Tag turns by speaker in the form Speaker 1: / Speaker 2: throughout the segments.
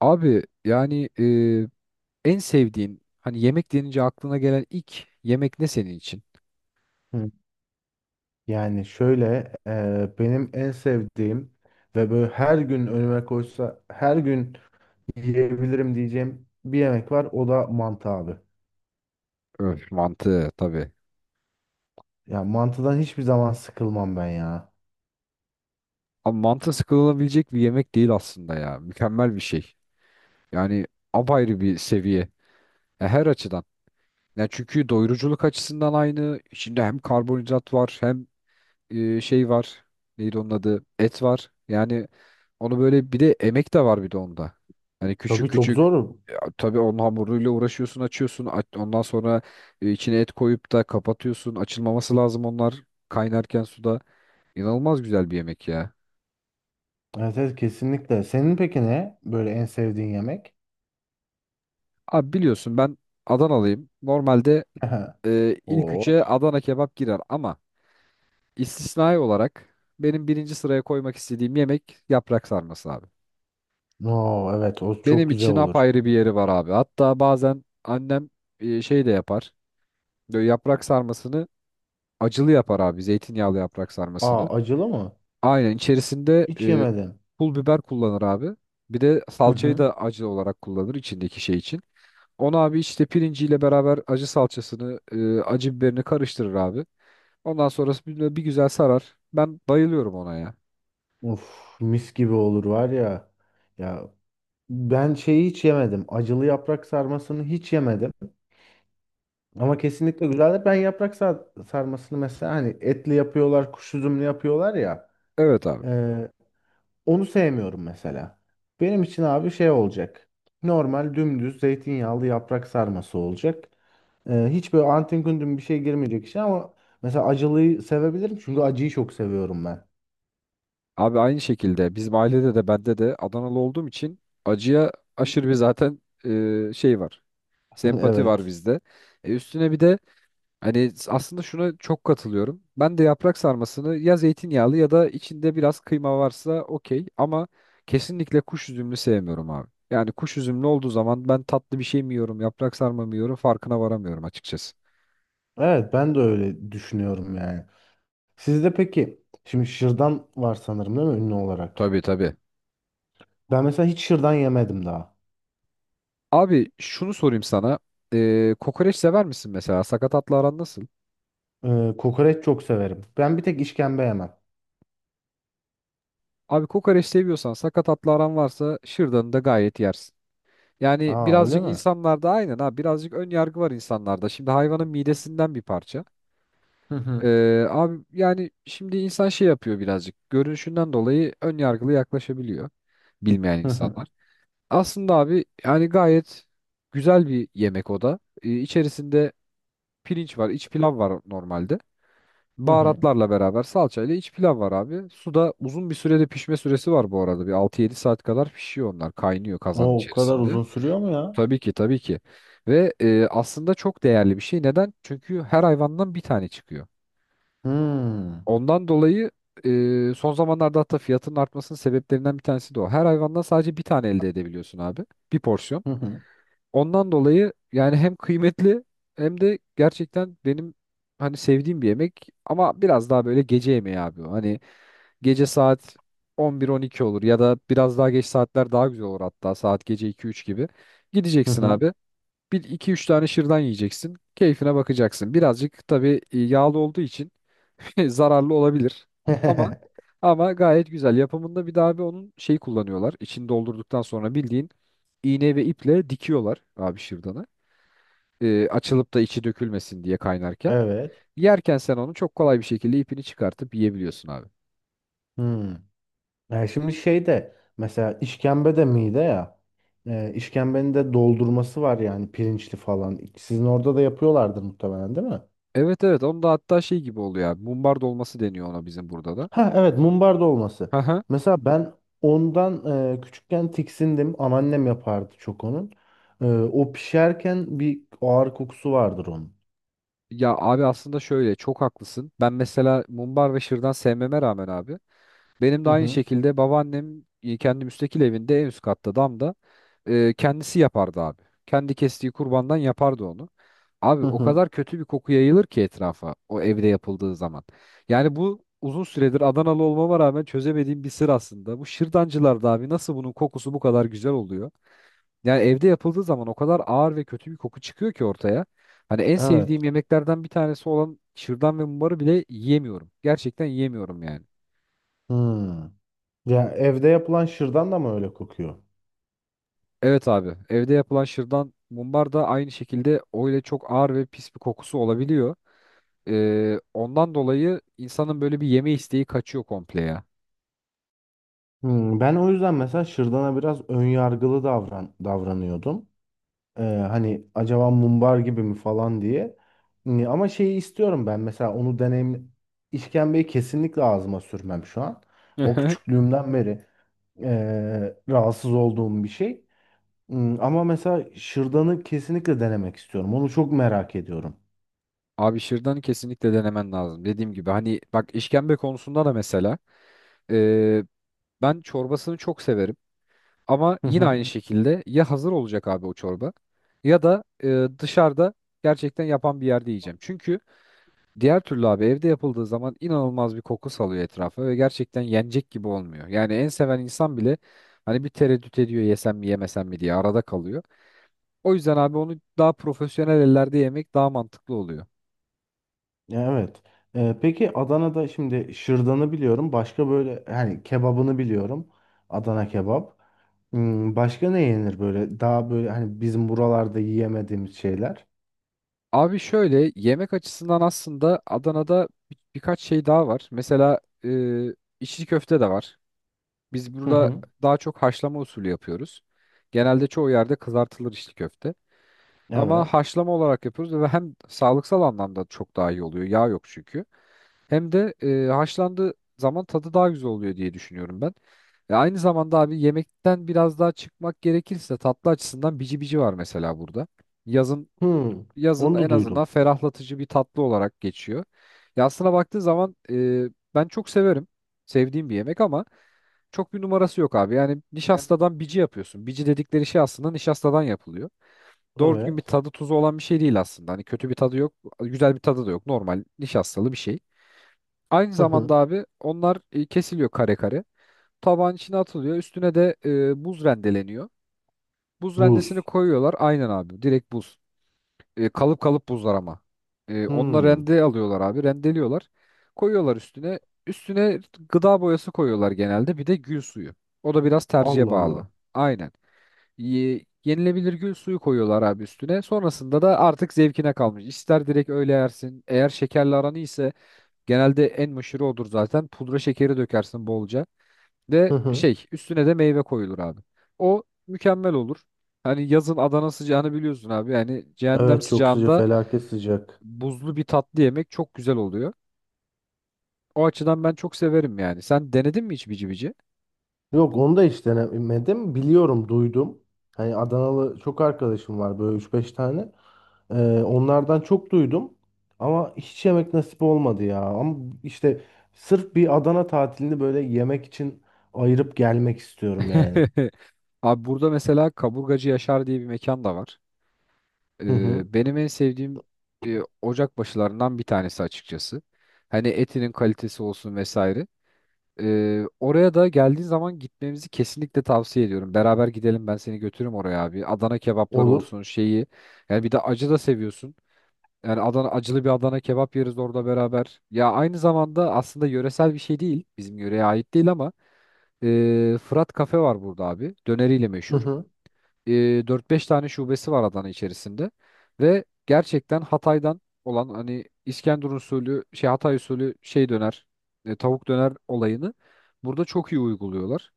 Speaker 1: Abi yani en sevdiğin hani yemek denince aklına gelen ilk yemek ne senin için?
Speaker 2: Hı. Yani şöyle benim en sevdiğim ve böyle her gün önüme koysa her gün yiyebilirim diyeceğim bir yemek var, o da mantı abi.
Speaker 1: Öf, mantı tabii.
Speaker 2: Yani mantıdan hiçbir zaman sıkılmam ben ya.
Speaker 1: Ama mantı sıkılabilecek bir yemek değil aslında ya. Mükemmel bir şey. Yani apayrı bir seviye. Ya her açıdan. Ya çünkü doyuruculuk açısından aynı. İçinde hem karbonhidrat var hem şey var. Neydi onun adı? Et var. Yani onu böyle bir de emek de var bir de onda. Hani küçük
Speaker 2: Tabii çok
Speaker 1: küçük
Speaker 2: zor.
Speaker 1: ya, tabii onun hamuruyla uğraşıyorsun, açıyorsun. Ondan sonra içine et koyup da kapatıyorsun. Açılmaması lazım onlar kaynarken suda. İnanılmaz güzel bir yemek ya.
Speaker 2: Evet, evet kesinlikle. Senin peki ne böyle en sevdiğin yemek?
Speaker 1: Abi biliyorsun ben Adanalıyım. Normalde ilk üçe
Speaker 2: Oh.
Speaker 1: Adana kebap girer ama istisnai olarak benim birinci sıraya koymak istediğim yemek yaprak sarması abi.
Speaker 2: No, evet o çok
Speaker 1: Benim
Speaker 2: güzel
Speaker 1: için
Speaker 2: olur.
Speaker 1: apayrı bir yeri var abi. Hatta bazen annem şey de yapar. Böyle yaprak sarmasını acılı yapar abi. Zeytinyağlı yaprak sarmasını.
Speaker 2: Aa, acılı mı?
Speaker 1: Aynen içerisinde
Speaker 2: Hiç yemedim.
Speaker 1: pul biber kullanır abi. Bir de
Speaker 2: Hı
Speaker 1: salçayı
Speaker 2: hı.
Speaker 1: da acı olarak kullanır içindeki şey için. Onu abi işte pirinciyle beraber acı salçasını, acı biberini karıştırır abi. Ondan sonrası bir güzel sarar. Ben bayılıyorum ona ya.
Speaker 2: Of, mis gibi olur var ya. Ya, ben şeyi hiç yemedim. Acılı yaprak sarmasını hiç yemedim. Ama kesinlikle güzeldir. Sarmasını mesela hani etli yapıyorlar, kuş üzümlü yapıyorlar ya.
Speaker 1: Evet abi.
Speaker 2: e, Onu sevmiyorum mesela. Benim için abi şey olacak. Normal dümdüz zeytinyağlı yaprak sarması olacak. E, hiç böyle antin kuntin bir şey girmeyecek işe, ama mesela acılıyı sevebilirim çünkü acıyı çok seviyorum ben.
Speaker 1: Abi aynı şekilde bizim ailede de bende de Adanalı olduğum için acıya aşırı bir zaten şey var. Sempati var
Speaker 2: Evet.
Speaker 1: bizde. Üstüne bir de hani aslında şuna çok katılıyorum. Ben de yaprak sarmasını ya zeytinyağlı ya da içinde biraz kıyma varsa okey ama kesinlikle kuş üzümlü sevmiyorum abi. Yani kuş üzümlü olduğu zaman ben tatlı bir şey mi yiyorum, yaprak sarma mı yiyorum farkına varamıyorum açıkçası.
Speaker 2: Evet, ben de öyle düşünüyorum yani. Sizde peki şimdi şırdan var sanırım, değil mi, ünlü olarak?
Speaker 1: Tabii tabii.
Speaker 2: Ben mesela hiç şırdan yemedim daha.
Speaker 1: Abi şunu sorayım sana. Kokoreç sever misin mesela? Sakatatla aran nasıl?
Speaker 2: Kokoreç çok severim. Ben bir tek işkembe yemem.
Speaker 1: Abi kokoreç seviyorsan sakat atlı aran varsa şırdanı da gayet yersin. Yani
Speaker 2: Aa, öyle
Speaker 1: birazcık
Speaker 2: mi?
Speaker 1: insanlarda aynen ha birazcık ön yargı var insanlarda. Şimdi hayvanın midesinden bir parça.
Speaker 2: Hı hı.
Speaker 1: Abi yani şimdi insan şey yapıyor birazcık. Görünüşünden dolayı ön yargılı yaklaşabiliyor bilmeyen
Speaker 2: Hı hı,
Speaker 1: insanlar. Aslında abi yani gayet güzel bir yemek o da. İçerisinde pirinç var, iç pilav var normalde.
Speaker 2: hı hı.
Speaker 1: Baharatlarla beraber salçayla iç pilav var abi. Suda uzun bir sürede pişme süresi var bu arada. Bir 6-7 saat kadar pişiyor onlar. Kaynıyor kazanın
Speaker 2: O o kadar
Speaker 1: içerisinde.
Speaker 2: uzun sürüyor mu ya?
Speaker 1: Tabii ki tabii ki. Ve aslında çok değerli bir şey. Neden? Çünkü her hayvandan bir tane çıkıyor.
Speaker 2: Hmm.
Speaker 1: Ondan dolayı son zamanlarda hatta fiyatının artmasının sebeplerinden bir tanesi de o. Her hayvandan sadece bir tane elde edebiliyorsun abi. Bir porsiyon.
Speaker 2: Hı hı,
Speaker 1: Ondan dolayı yani hem kıymetli hem de gerçekten benim hani sevdiğim bir yemek ama biraz daha böyle gece yemeği abi. O. Hani gece saat 11-12 olur ya da biraz daha geç saatler daha güzel olur hatta saat gece 2-3 gibi.
Speaker 2: hı
Speaker 1: Gideceksin
Speaker 2: hı.
Speaker 1: abi. Bir 2-3 tane şırdan yiyeceksin. Keyfine bakacaksın. Birazcık tabii yağlı olduğu için zararlı olabilir. Ama Ama gayet güzel. Yapımında bir daha abi onun şey kullanıyorlar. İçini doldurduktan sonra bildiğin iğne ve iple dikiyorlar abi şırdanı. Açılıp da içi dökülmesin diye kaynarken.
Speaker 2: Evet.
Speaker 1: Yerken sen onu çok kolay bir şekilde ipini çıkartıp yiyebiliyorsun abi.
Speaker 2: Hmm. Yani şimdi şey, de mesela işkembe de mide ya. İşkembenin de doldurması var yani, pirinçli falan. Sizin orada da yapıyorlardır muhtemelen, değil mi?
Speaker 1: Evet evet onun da hatta şey gibi oluyor abi. Mumbar dolması deniyor ona bizim burada da.
Speaker 2: Ha evet, mumbar dolması.
Speaker 1: Haha.
Speaker 2: Mesela ben ondan küçükken tiksindim. Anneannem yapardı çok onun. E, o pişerken bir ağır kokusu vardır onun.
Speaker 1: Ya abi aslında şöyle çok haklısın. Ben mesela mumbar ve şırdan sevmeme rağmen abi benim de
Speaker 2: Hı
Speaker 1: aynı
Speaker 2: hı.
Speaker 1: şekilde babaannem kendi müstakil evinde en üst katta damda kendisi yapardı abi. Kendi kestiği kurbandan yapardı onu. Abi
Speaker 2: Hı
Speaker 1: o
Speaker 2: hı.
Speaker 1: kadar kötü bir koku yayılır ki etrafa o evde yapıldığı zaman. Yani bu uzun süredir Adanalı olmama rağmen çözemediğim bir sır aslında. Bu şırdancılarda abi nasıl bunun kokusu bu kadar güzel oluyor? Yani evde yapıldığı zaman o kadar ağır ve kötü bir koku çıkıyor ki ortaya. Hani en
Speaker 2: Evet.
Speaker 1: sevdiğim yemeklerden bir tanesi olan şırdan ve mumbarı bile yiyemiyorum. Gerçekten yiyemiyorum yani.
Speaker 2: Hmm. Ya evde yapılan şırdan da mı öyle kokuyor?
Speaker 1: Evet abi. Evde yapılan şırdan mumbar da aynı şekilde öyle çok ağır ve pis bir kokusu olabiliyor. Ondan dolayı insanın böyle bir yeme isteği kaçıyor komple ya.
Speaker 2: Hmm, ben o yüzden mesela şırdana biraz ön yargılı davranıyordum. Hani acaba mumbar gibi mi falan diye. Ama şeyi istiyorum ben, mesela onu deneyim. İşkembeyi kesinlikle ağzıma sürmem şu an. O küçüklüğümden beri rahatsız olduğum bir şey. Hmm, ama mesela şırdanı kesinlikle denemek istiyorum. Onu çok merak ediyorum.
Speaker 1: Abi şırdanı kesinlikle denemen lazım. Dediğim gibi hani bak işkembe konusunda da mesela ee, ben çorbasını çok severim. Ama
Speaker 2: Hı
Speaker 1: yine
Speaker 2: hı.
Speaker 1: aynı şekilde ya hazır olacak abi o çorba ya da dışarıda gerçekten yapan bir yerde yiyeceğim. Çünkü diğer türlü abi evde yapıldığı zaman inanılmaz bir koku salıyor etrafa ve gerçekten yenecek gibi olmuyor. Yani en seven insan bile hani bir tereddüt ediyor yesem mi yemesem mi diye arada kalıyor. O yüzden abi onu daha profesyonel ellerde yemek daha mantıklı oluyor.
Speaker 2: Evet. Peki Adana'da şimdi şırdanı biliyorum. Başka böyle hani kebabını biliyorum. Adana kebap. Hmm, başka ne yenir böyle? Daha böyle hani bizim buralarda yiyemediğimiz şeyler.
Speaker 1: Abi şöyle yemek açısından aslında Adana'da birkaç şey daha var. Mesela e, içli köfte de var. Biz
Speaker 2: Hı
Speaker 1: burada
Speaker 2: hı.
Speaker 1: daha çok haşlama usulü yapıyoruz. Genelde çoğu yerde kızartılır içli köfte. Ama
Speaker 2: Evet.
Speaker 1: haşlama olarak yapıyoruz ve hem sağlıksal anlamda çok daha iyi oluyor. Yağ yok çünkü. Hem de haşlandığı zaman tadı daha güzel oluyor diye düşünüyorum ben. Ve aynı zamanda abi yemekten biraz daha çıkmak gerekirse tatlı açısından bici bici var mesela burada. Yazın
Speaker 2: Hmm.
Speaker 1: Yazın
Speaker 2: Onu da
Speaker 1: en azından
Speaker 2: duydum.
Speaker 1: ferahlatıcı bir tatlı olarak geçiyor. Ya aslına baktığı zaman ben çok severim. Sevdiğim bir yemek ama çok bir numarası yok abi. Yani
Speaker 2: Yani
Speaker 1: nişastadan bici yapıyorsun. Bici dedikleri şey aslında nişastadan yapılıyor doğru düzgün bir
Speaker 2: evet.
Speaker 1: tadı tuzu olan bir şey değil aslında. Hani kötü bir tadı yok, güzel bir tadı da yok. Normal nişastalı bir şey. Aynı
Speaker 2: Hı hı.
Speaker 1: zamanda abi onlar kesiliyor kare kare. Tabağın içine atılıyor. Üstüne de buz rendeleniyor. Buz
Speaker 2: Buz.
Speaker 1: rendesini koyuyorlar. Aynen abi. Direkt buz. Kalıp kalıp buzlar ama. Onlar
Speaker 2: Hmm.
Speaker 1: rende alıyorlar abi. Rendeliyorlar. Koyuyorlar üstüne. Üstüne gıda boyası koyuyorlar genelde. Bir de gül suyu. O da biraz tercihe
Speaker 2: Allah Allah.
Speaker 1: bağlı. Aynen. Yenilebilir gül suyu koyuyorlar abi üstüne. Sonrasında da artık zevkine kalmış. İster direkt öyle yersin. Eğer şekerli aranı ise genelde en meşhuru odur zaten. Pudra şekeri dökersin bolca. Ve
Speaker 2: Hı hı.
Speaker 1: şey üstüne de meyve koyulur abi. O mükemmel olur. Hani yazın Adana sıcağını biliyorsun abi. Yani cehennem
Speaker 2: Evet çok sıcak,
Speaker 1: sıcağında
Speaker 2: felaket sıcak.
Speaker 1: buzlu bir tatlı yemek çok güzel oluyor. O açıdan ben çok severim yani. Sen denedin mi hiç bici bici?
Speaker 2: Yok, onu da hiç denemedim. Biliyorum, duydum. Hani Adanalı çok arkadaşım var böyle üç beş tane. Onlardan çok duydum ama hiç yemek nasip olmadı ya. Ama işte sırf bir Adana tatilini böyle yemek için ayırıp gelmek istiyorum yani.
Speaker 1: Abi burada mesela Kaburgacı Yaşar diye bir mekan da var.
Speaker 2: Hı hı.
Speaker 1: Benim en sevdiğim ocak başılarından bir tanesi açıkçası. Hani etinin kalitesi olsun vesaire. Oraya da geldiğin zaman gitmemizi kesinlikle tavsiye ediyorum. Beraber gidelim ben seni götürürüm oraya abi. Adana kebapları
Speaker 2: Olur.
Speaker 1: olsun şeyi. Yani bir de acı da seviyorsun. Yani Adana acılı bir Adana kebap yeriz orada beraber. Ya aynı zamanda aslında yöresel bir şey değil. Bizim yöreye ait değil ama Fırat Kafe var burada abi. Döneriyle meşhur e, 4-5 tane şubesi var Adana içerisinde ve gerçekten Hatay'dan olan hani İskenderun usulü şey Hatay usulü şey döner tavuk döner olayını burada çok iyi uyguluyorlar.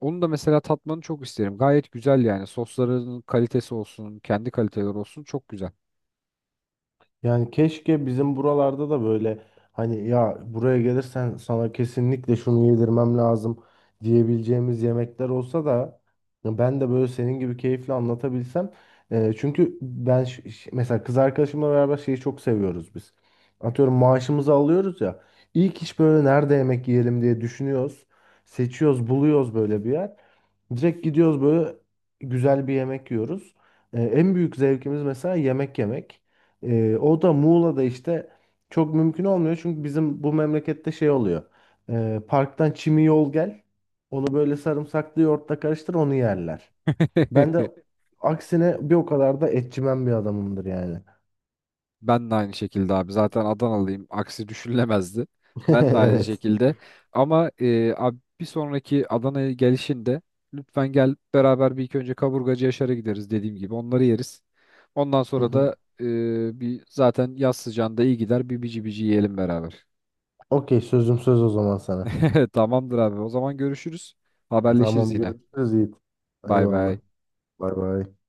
Speaker 1: Onu da mesela tatmanı çok isterim. Gayet güzel yani. Sosların kalitesi olsun, kendi kaliteleri olsun çok güzel.
Speaker 2: Yani keşke bizim buralarda da böyle, hani, ya buraya gelirsen sana kesinlikle şunu yedirmem lazım diyebileceğimiz yemekler olsa da ya ben de böyle senin gibi keyifle anlatabilsem. Çünkü ben mesela kız arkadaşımla beraber şeyi çok seviyoruz biz. Atıyorum maaşımızı alıyoruz ya. İlk iş böyle nerede yemek yiyelim diye düşünüyoruz. Seçiyoruz, buluyoruz böyle bir yer. Direkt gidiyoruz, böyle güzel bir yemek yiyoruz. En büyük zevkimiz mesela yemek yemek. O da Muğla'da işte çok mümkün olmuyor çünkü bizim bu memlekette şey oluyor. Parktan çimi yol gel. Onu böyle sarımsaklı yoğurtla karıştır, onu yerler. Ben de aksine bir o kadar da etçimen bir adamımdır yani.
Speaker 1: Ben de aynı şekilde abi. Zaten
Speaker 2: Şekilde.
Speaker 1: Adanalıyım. Aksi düşünülemezdi. Ben de aynı
Speaker 2: Evet.
Speaker 1: şekilde. Ama abi bir sonraki Adana'ya gelişinde lütfen gel beraber bir ilk önce Kaburgacı Yaşar'a gideriz dediğim gibi. Onları yeriz. Ondan
Speaker 2: Hı
Speaker 1: sonra
Speaker 2: hı.
Speaker 1: da bir zaten yaz sıcağında iyi gider. Bir bici bici yiyelim beraber.
Speaker 2: Okey, sözüm söz o zaman sana.
Speaker 1: Tamamdır abi. O zaman görüşürüz. Haberleşiriz
Speaker 2: Tamam,
Speaker 1: yine.
Speaker 2: görüşürüz Yiğit.
Speaker 1: Bay
Speaker 2: Eyvallah.
Speaker 1: bay.
Speaker 2: Bay bay.